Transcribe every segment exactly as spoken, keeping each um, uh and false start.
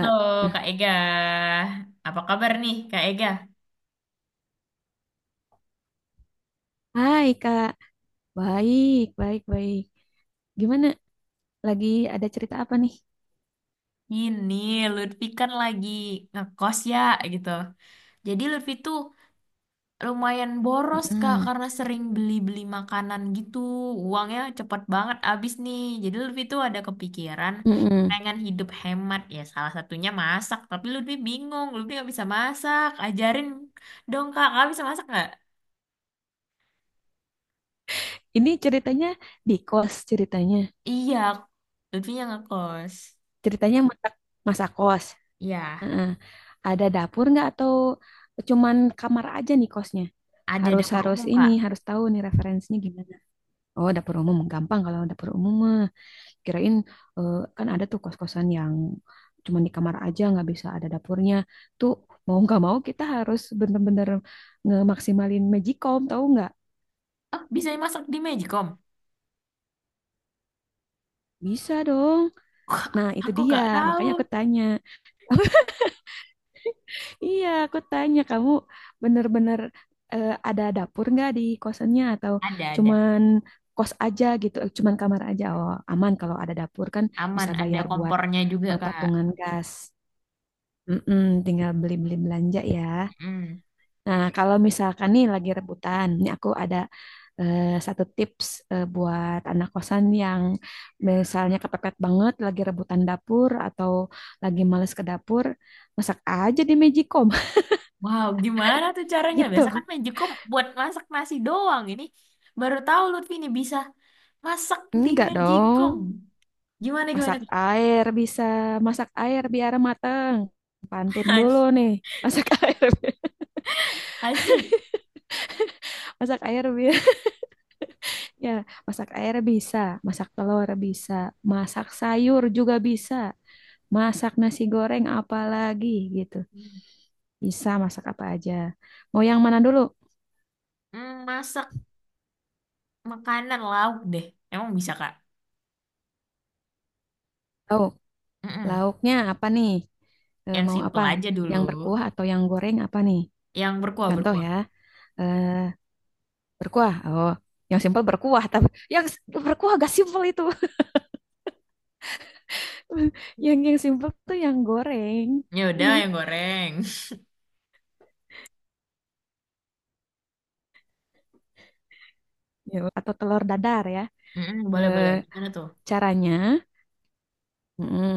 Halo Kak Ega, apa kabar nih Kak Ega? hai Kak. Baik, baik, baik. Gimana? Lagi ada cerita apa nih? Ini Lutfi kan lagi ngekos ya gitu. Jadi Lutfi tuh lumayan boros Kak Mm-mm. karena sering beli-beli makanan gitu. Uangnya cepet banget habis nih. Jadi Lutfi tuh ada kepikiran Mm-mm. pengen hidup hemat ya salah satunya masak. Tapi Lutfi bingung, Lutfi nggak bisa masak. Ajarin dong Kak, Kakak bisa masak nggak? Ini ceritanya di kos ceritanya. Iya, Lutfi yang ngekos. Ceritanya masak, masak kos. Ya, Heeh. Ada dapur nggak atau cuman kamar aja nih kosnya? ada Harus dapur harus umum ini Kak. harus tahu nih referensinya gimana. Oh, dapur umum gampang kalau dapur umum. mah. Kirain eh, kan ada tuh kos-kosan yang cuma di kamar aja nggak bisa ada dapurnya. Tuh mau nggak mau kita harus bener-bener ngemaksimalin Magicom tahu nggak? Ah bisa dimasak di Magicom? Bisa dong. Wah, Nah itu aku dia gak tahu. makanya aku tanya. Iya aku tanya kamu bener-bener, eh, ada dapur nggak di kosannya atau Ada, ada. cuman kos aja gitu, eh, cuman kamar aja. Oh aman kalau ada dapur kan Aman, bisa ada bayar buat, kompornya juga, eh, Kak. patungan gas. Mm-mm, tinggal beli-beli belanja ya. Mm. Nah, kalau misalkan nih lagi rebutan, ini aku ada, eh, satu tips, eh, buat anak kosan yang misalnya kepepet banget lagi rebutan dapur atau lagi males ke dapur, masak aja di Magicom Wow, gimana tuh caranya? Biasa kan gitu. Magicom buat masak nasi doang. Ini baru tahu Lutfi ini bisa masak di Enggak Magicom. dong, Gimana, gimana, masak air bisa, masak air biar mateng. Pantun Kak? dulu nih, masak air, Asik. masak air biar ya, masak air bisa, masak telur bisa, masak sayur juga bisa. masak nasi goreng apa lagi gitu. Bisa masak apa aja. Mau yang mana dulu? Mm, masak makanan lauk deh. Emang bisa, Kak? Lauk. Mm-mm. Lauknya apa nih? Eh, Yang mau apa? simple aja dulu. Yang berkuah atau yang goreng apa nih? Yang berkuah, Contoh berkuah. ya, eh, berkuah. Oh, yang simpel berkuah, tapi yang s- berkuah gak simpel itu. Yang yang simpel tuh yang goreng. Ya udah, yang goreng. Ya, atau telur dadar ya. Mm-mm, boleh, Eh, boleh. Gimana tuh? Caranya. Mm-mm.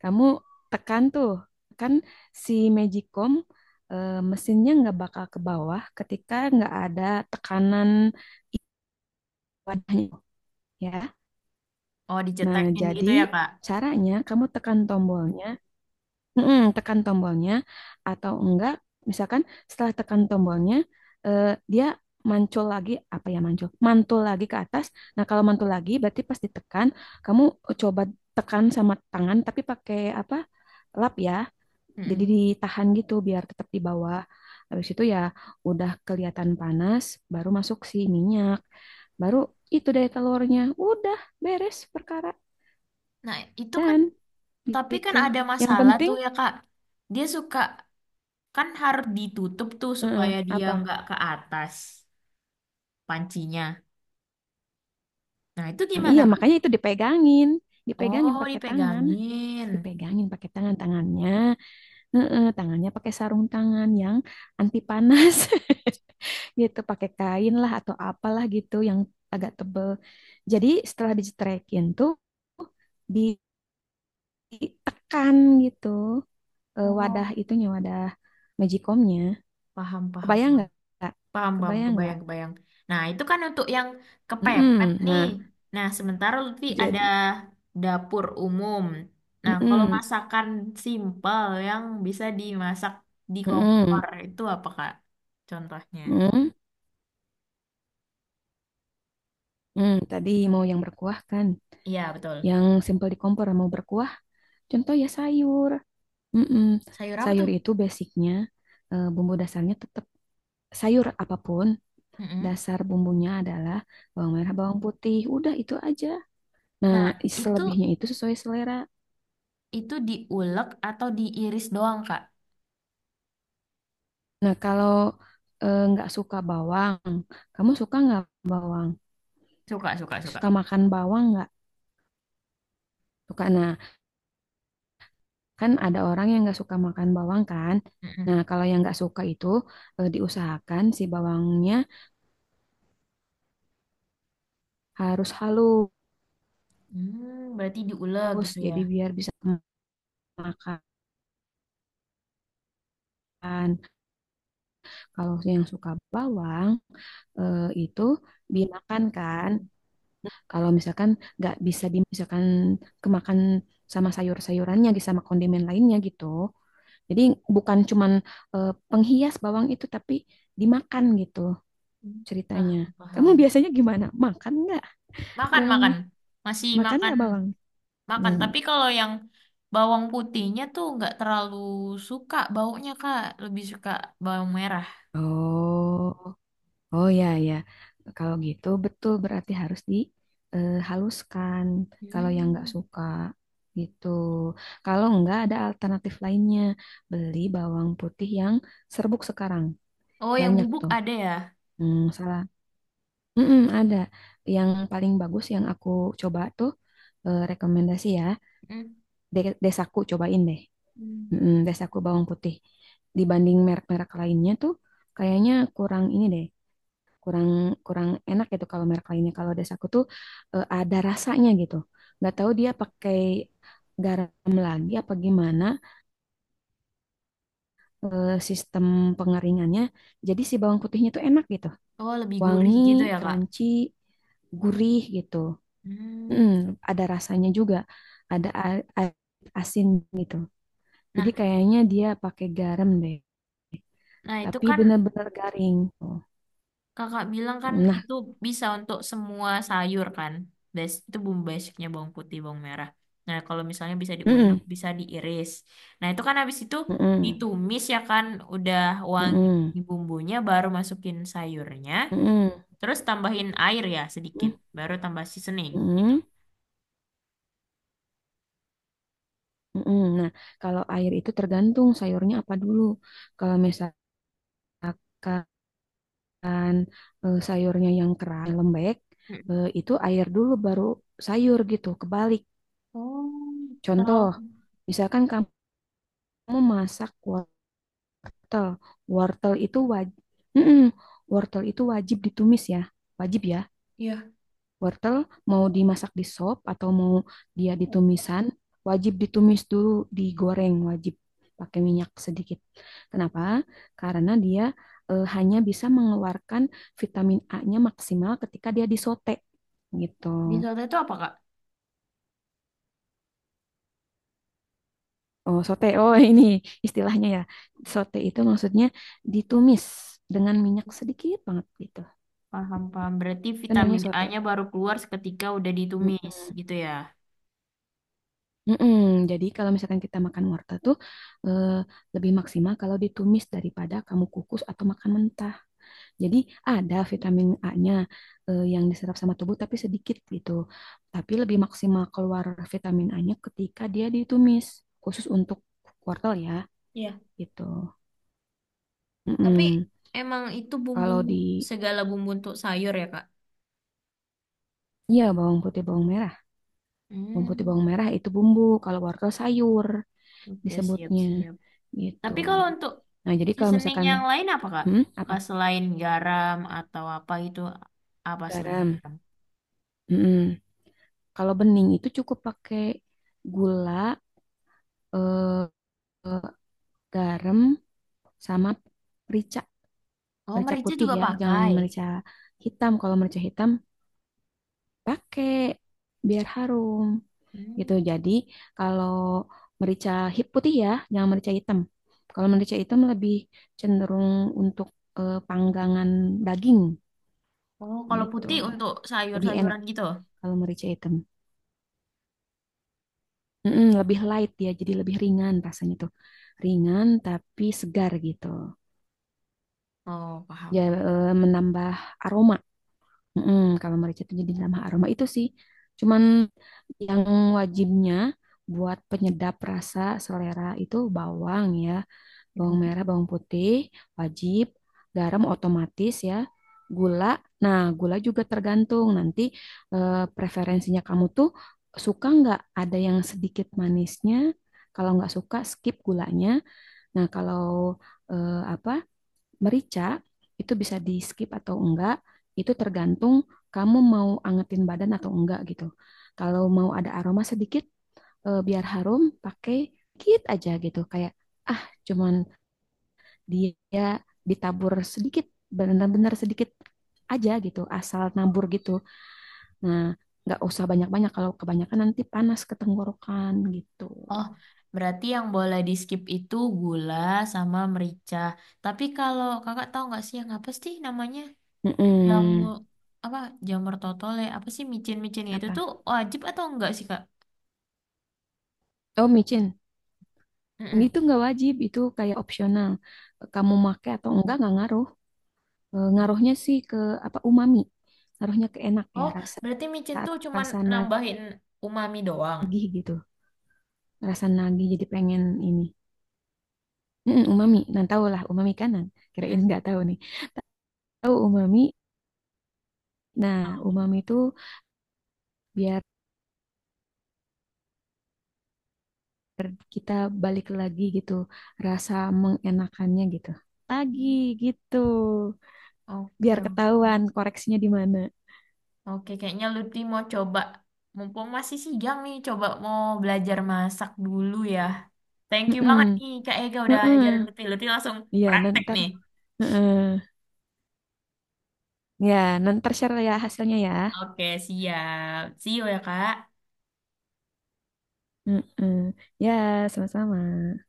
Kamu tekan tuh, kan si Magicom, eh, mesinnya nggak bakal ke bawah ketika nggak ada tekanan i- wadahnya, ya. Oh, Nah, dicetekin jadi gitu ya, Kak? caranya kamu tekan tombolnya. Mm-mm, tekan tombolnya atau enggak, misalkan setelah tekan tombolnya, eh, dia mancul lagi, apa ya, mancul, mantul lagi ke atas. Nah, kalau mantul lagi berarti pas ditekan, kamu coba tekan sama tangan tapi pakai apa? Lap ya. Jadi Mm-mm. ditahan gitu biar tetap di bawah. Habis itu ya udah kelihatan panas, baru masuk si minyak. Baru itu deh telurnya. Udah beres perkara Nah, itu kan, dan tapi kan gitu. ada Yang masalah penting tuh ya, Kak. Dia suka, kan harus ditutup tuh heeh, supaya dia apa? nggak ke atas pancinya. Nah, itu Nah, gimana, iya, Kak? makanya itu dipegangin, dipegangin Oh, pakai tangan, dipegangin. dipegangin pakai tangan tangannya. Heeh, tangannya pakai sarung tangan yang anti panas gitu, pakai kain lah atau apalah gitu yang agak tebel. Jadi setelah dicetrekin tuh ditekan gitu, eh, wadah Oh, itunya, wadah magicomnya, paham, paham, kebayang paham. nggak Kak? Paham, paham, Kebayang nggak? kebayang, kebayang. Nah, itu kan untuk yang kepepet Mm-mm. nih. Nah Nah, sementara Lutfi ada jadi, dapur umum. Nah, kalau mm-mm. masakan simpel yang bisa dimasak di kompor, Mm-mm. itu apa, Kak? Contohnya. Mm-mm. Mm. Tadi mau yang berkuah kan, Iya, betul. yang simpel di kompor mau berkuah, contoh ya sayur. Mm-mm. Sayur apa tuh? Sayur itu basicnya, eh, bumbu dasarnya tetap sayur apapun, Mm-mm. dasar bumbunya adalah bawang merah, bawang putih, udah itu aja. Nah, Nah, itu selebihnya itu sesuai selera. itu diulek atau diiris doang, Kak? Nah, kalau eh, nggak suka bawang, kamu suka nggak bawang? Suka, suka, Suka suka. makan bawang nggak? Suka. Nah, kan ada orang yang nggak suka makan bawang kan? Mm-mm. Nah, kalau yang nggak suka itu, eh, diusahakan si bawangnya harus halus, Hmm, berarti diulek gitu ya. jadi biar bisa makan. Kalau yang suka bawang, eh, itu dimakan kan. Kalau misalkan nggak bisa dimakan, kemakan sama sayur-sayurannya gitu, sama kondimen lainnya gitu. Jadi bukan cuman, eh, penghias bawang itu, tapi dimakan gitu Hmm. Ah, ceritanya. Kamu paham. biasanya gimana? Makan nggak Makan, bawangnya? makan. Masih Makan makan, nggak bawang? makan. Hmm. Tapi kalau yang bawang putihnya tuh nggak terlalu suka baunya, Kak. Lebih suka bawang merah. Oh. Oh ya ya, kalau gitu betul, berarti harus dihaluskan. Kalau yang nggak Hmm. suka gitu, kalau nggak ada alternatif lainnya, beli bawang putih yang serbuk sekarang Oh, yang banyak bubuk tuh. ada ya? Hmm, salah. Mm-mm, ada yang paling bagus yang aku coba tuh, eh, rekomendasi ya. Mm. De- Desaku, cobain deh. Hmm. Mm-mm, Desaku bawang putih. Dibanding merek-merek lainnya tuh, kayaknya kurang ini deh, kurang, kurang enak gitu kalau merek lainnya. Kalau das aku tuh, eh, ada rasanya gitu, nggak tahu dia pakai garam lagi apa gimana, eh, sistem pengeringannya, jadi si bawang putihnya tuh enak gitu, Oh, lebih gurih wangi, gitu ya, Kak? crunchy, gurih gitu. Mm, Hmm. ada rasanya juga, ada a- a- asin gitu, jadi Nah, kayaknya dia pakai garam deh, nah itu tapi kan benar-benar garing Tuh. Kakak bilang kan Nah, itu bisa untuk semua sayur kan. Bas- itu bumbu basicnya bawang putih, bawang merah. Nah, kalau misalnya bisa diulek, mm-mm, bisa diiris. Nah, itu kan habis itu mm-mm, ditumis ya kan, udah wangi mm-mm, bumbunya, baru masukin sayurnya, mm-mm, terus tambahin air ya sedikit, baru tambah seasoning gitu. mm-mm. Mm-mm. Nah, kalau air itu tergantung sayurnya apa dulu. Kalau misalkan, eh, sayurnya yang keras, yang lembek, Mm. eh, itu air dulu baru sayur gitu, kebalik. Oh, Contoh, Terlalu misalkan kamu masak wortel. Wortel itu wajib, wortel itu wajib ditumis ya, wajib ya. ya. Wortel mau dimasak di sop atau mau dia ditumisan, wajib ditumis dulu, digoreng wajib pakai minyak sedikit. Kenapa? Karena dia, eh, hanya bisa mengeluarkan vitamin A-nya maksimal ketika dia disote gitu. Di soto itu apa, Kak? Oh, sote. Oh, ini istilahnya ya. Sote itu maksudnya ditumis dengan minyak sedikit banget gitu. Paham, paham. Berarti Itu namanya vitamin sote. A-nya baru keluar seketika udah ditumis Mm-mm. gitu ya. Mm-mm. Jadi kalau misalkan kita makan wortel tuh, eh, lebih maksimal kalau ditumis daripada kamu kukus atau makan mentah. Jadi ada vitamin A-nya, eh, yang diserap sama tubuh tapi sedikit gitu. Tapi lebih maksimal keluar vitamin A-nya ketika dia ditumis, khusus untuk wortel ya gitu. Tapi Mm-mm. emang itu bumbu Kalau di, segala bumbu untuk sayur ya, Kak? iya bawang putih bawang merah, bawang putih Hmm, bawang merah itu bumbu, kalau wortel sayur oke disebutnya siap-siap. gitu. Tapi kalau untuk Nah, jadi kalau seasoning misalkan, yang lain apa Kak? hmm, apa? Kak, selain garam atau apa itu apa selain Garam. garam? Mm-mm. Kalau bening itu cukup pakai gula, eh, eh, garam, sama merica. Oh, Merica merica putih juga ya, jangan pakai. merica hitam. Kalau merica hitam pakai biar harum gitu. Hmm. Jadi kalau merica hi- putih ya, jangan merica hitam. Kalau merica hitam lebih cenderung untuk, eh, panggangan daging Oh, kalau gitu. putih untuk Lebih enak sayur-sayuran gitu. kalau merica hitam. Mm-mm, lebih light ya, jadi lebih ringan rasanya tuh. Ringan tapi segar gitu. Oh Ya, paham paham. eh, menambah aroma. Mm-mm, kalau merica itu jadi menambah aroma itu sih. Cuman yang wajibnya buat penyedap rasa selera itu bawang ya, bawang Mhm. merah, bawang putih, wajib, garam otomatis ya, gula. Nah, gula juga tergantung nanti, eh, preferensinya kamu tuh suka nggak ada yang sedikit manisnya. Kalau nggak suka, skip gulanya. Nah, kalau, eh, apa, merica itu bisa di skip atau enggak. Itu tergantung kamu mau angetin badan atau enggak gitu. Kalau mau ada aroma sedikit, eh, biar harum, pakai dikit aja gitu. Kayak ah cuman dia ditabur sedikit, benar-benar sedikit aja gitu, asal nabur gitu. Nah, nggak usah banyak-banyak, kalau kebanyakan nanti panas ke tenggorokan gitu. Oh, berarti yang boleh di skip itu gula sama merica. Tapi kalau kakak tahu nggak sih yang apa sih namanya? Jamu Mm-mm. apa jamur totole apa sih micin-micin itu tuh Apa, wajib atau enggak sih Kak? oh micin Mm-mm. itu nggak wajib, itu kayak opsional, kamu make atau enggak nggak ngaruh. Eh, ngaruhnya sih ke apa, umami, ngaruhnya ke enak ya, Oh, rasa, berarti micin tuh cuman rasa nambahin umami doang. nagih gitu, rasa nagih jadi pengen ini. Mm, umami, nah tahu lah umami kanan, kirain Mm-mm. nggak tahu nih. Tahu umami? Nah, Oh. umami itu biar kita balik lagi gitu, rasa mengenakannya gitu. Lagi gitu. Biar Oke, ketahuan koreksinya di mana. oke. Kayaknya Lutfi mau coba, mumpung masih siang nih, coba mau belajar masak dulu ya. Thank you banget Heeh. nih Kak Ega udah ajarin Heeh. Lutfi. Lutfi langsung Iya, praktek nanti. nih. Heeh. Ya, nanti share ya hasilnya ya. Oke, siap. See you ya Kak. Heeh. Ya, sama-sama.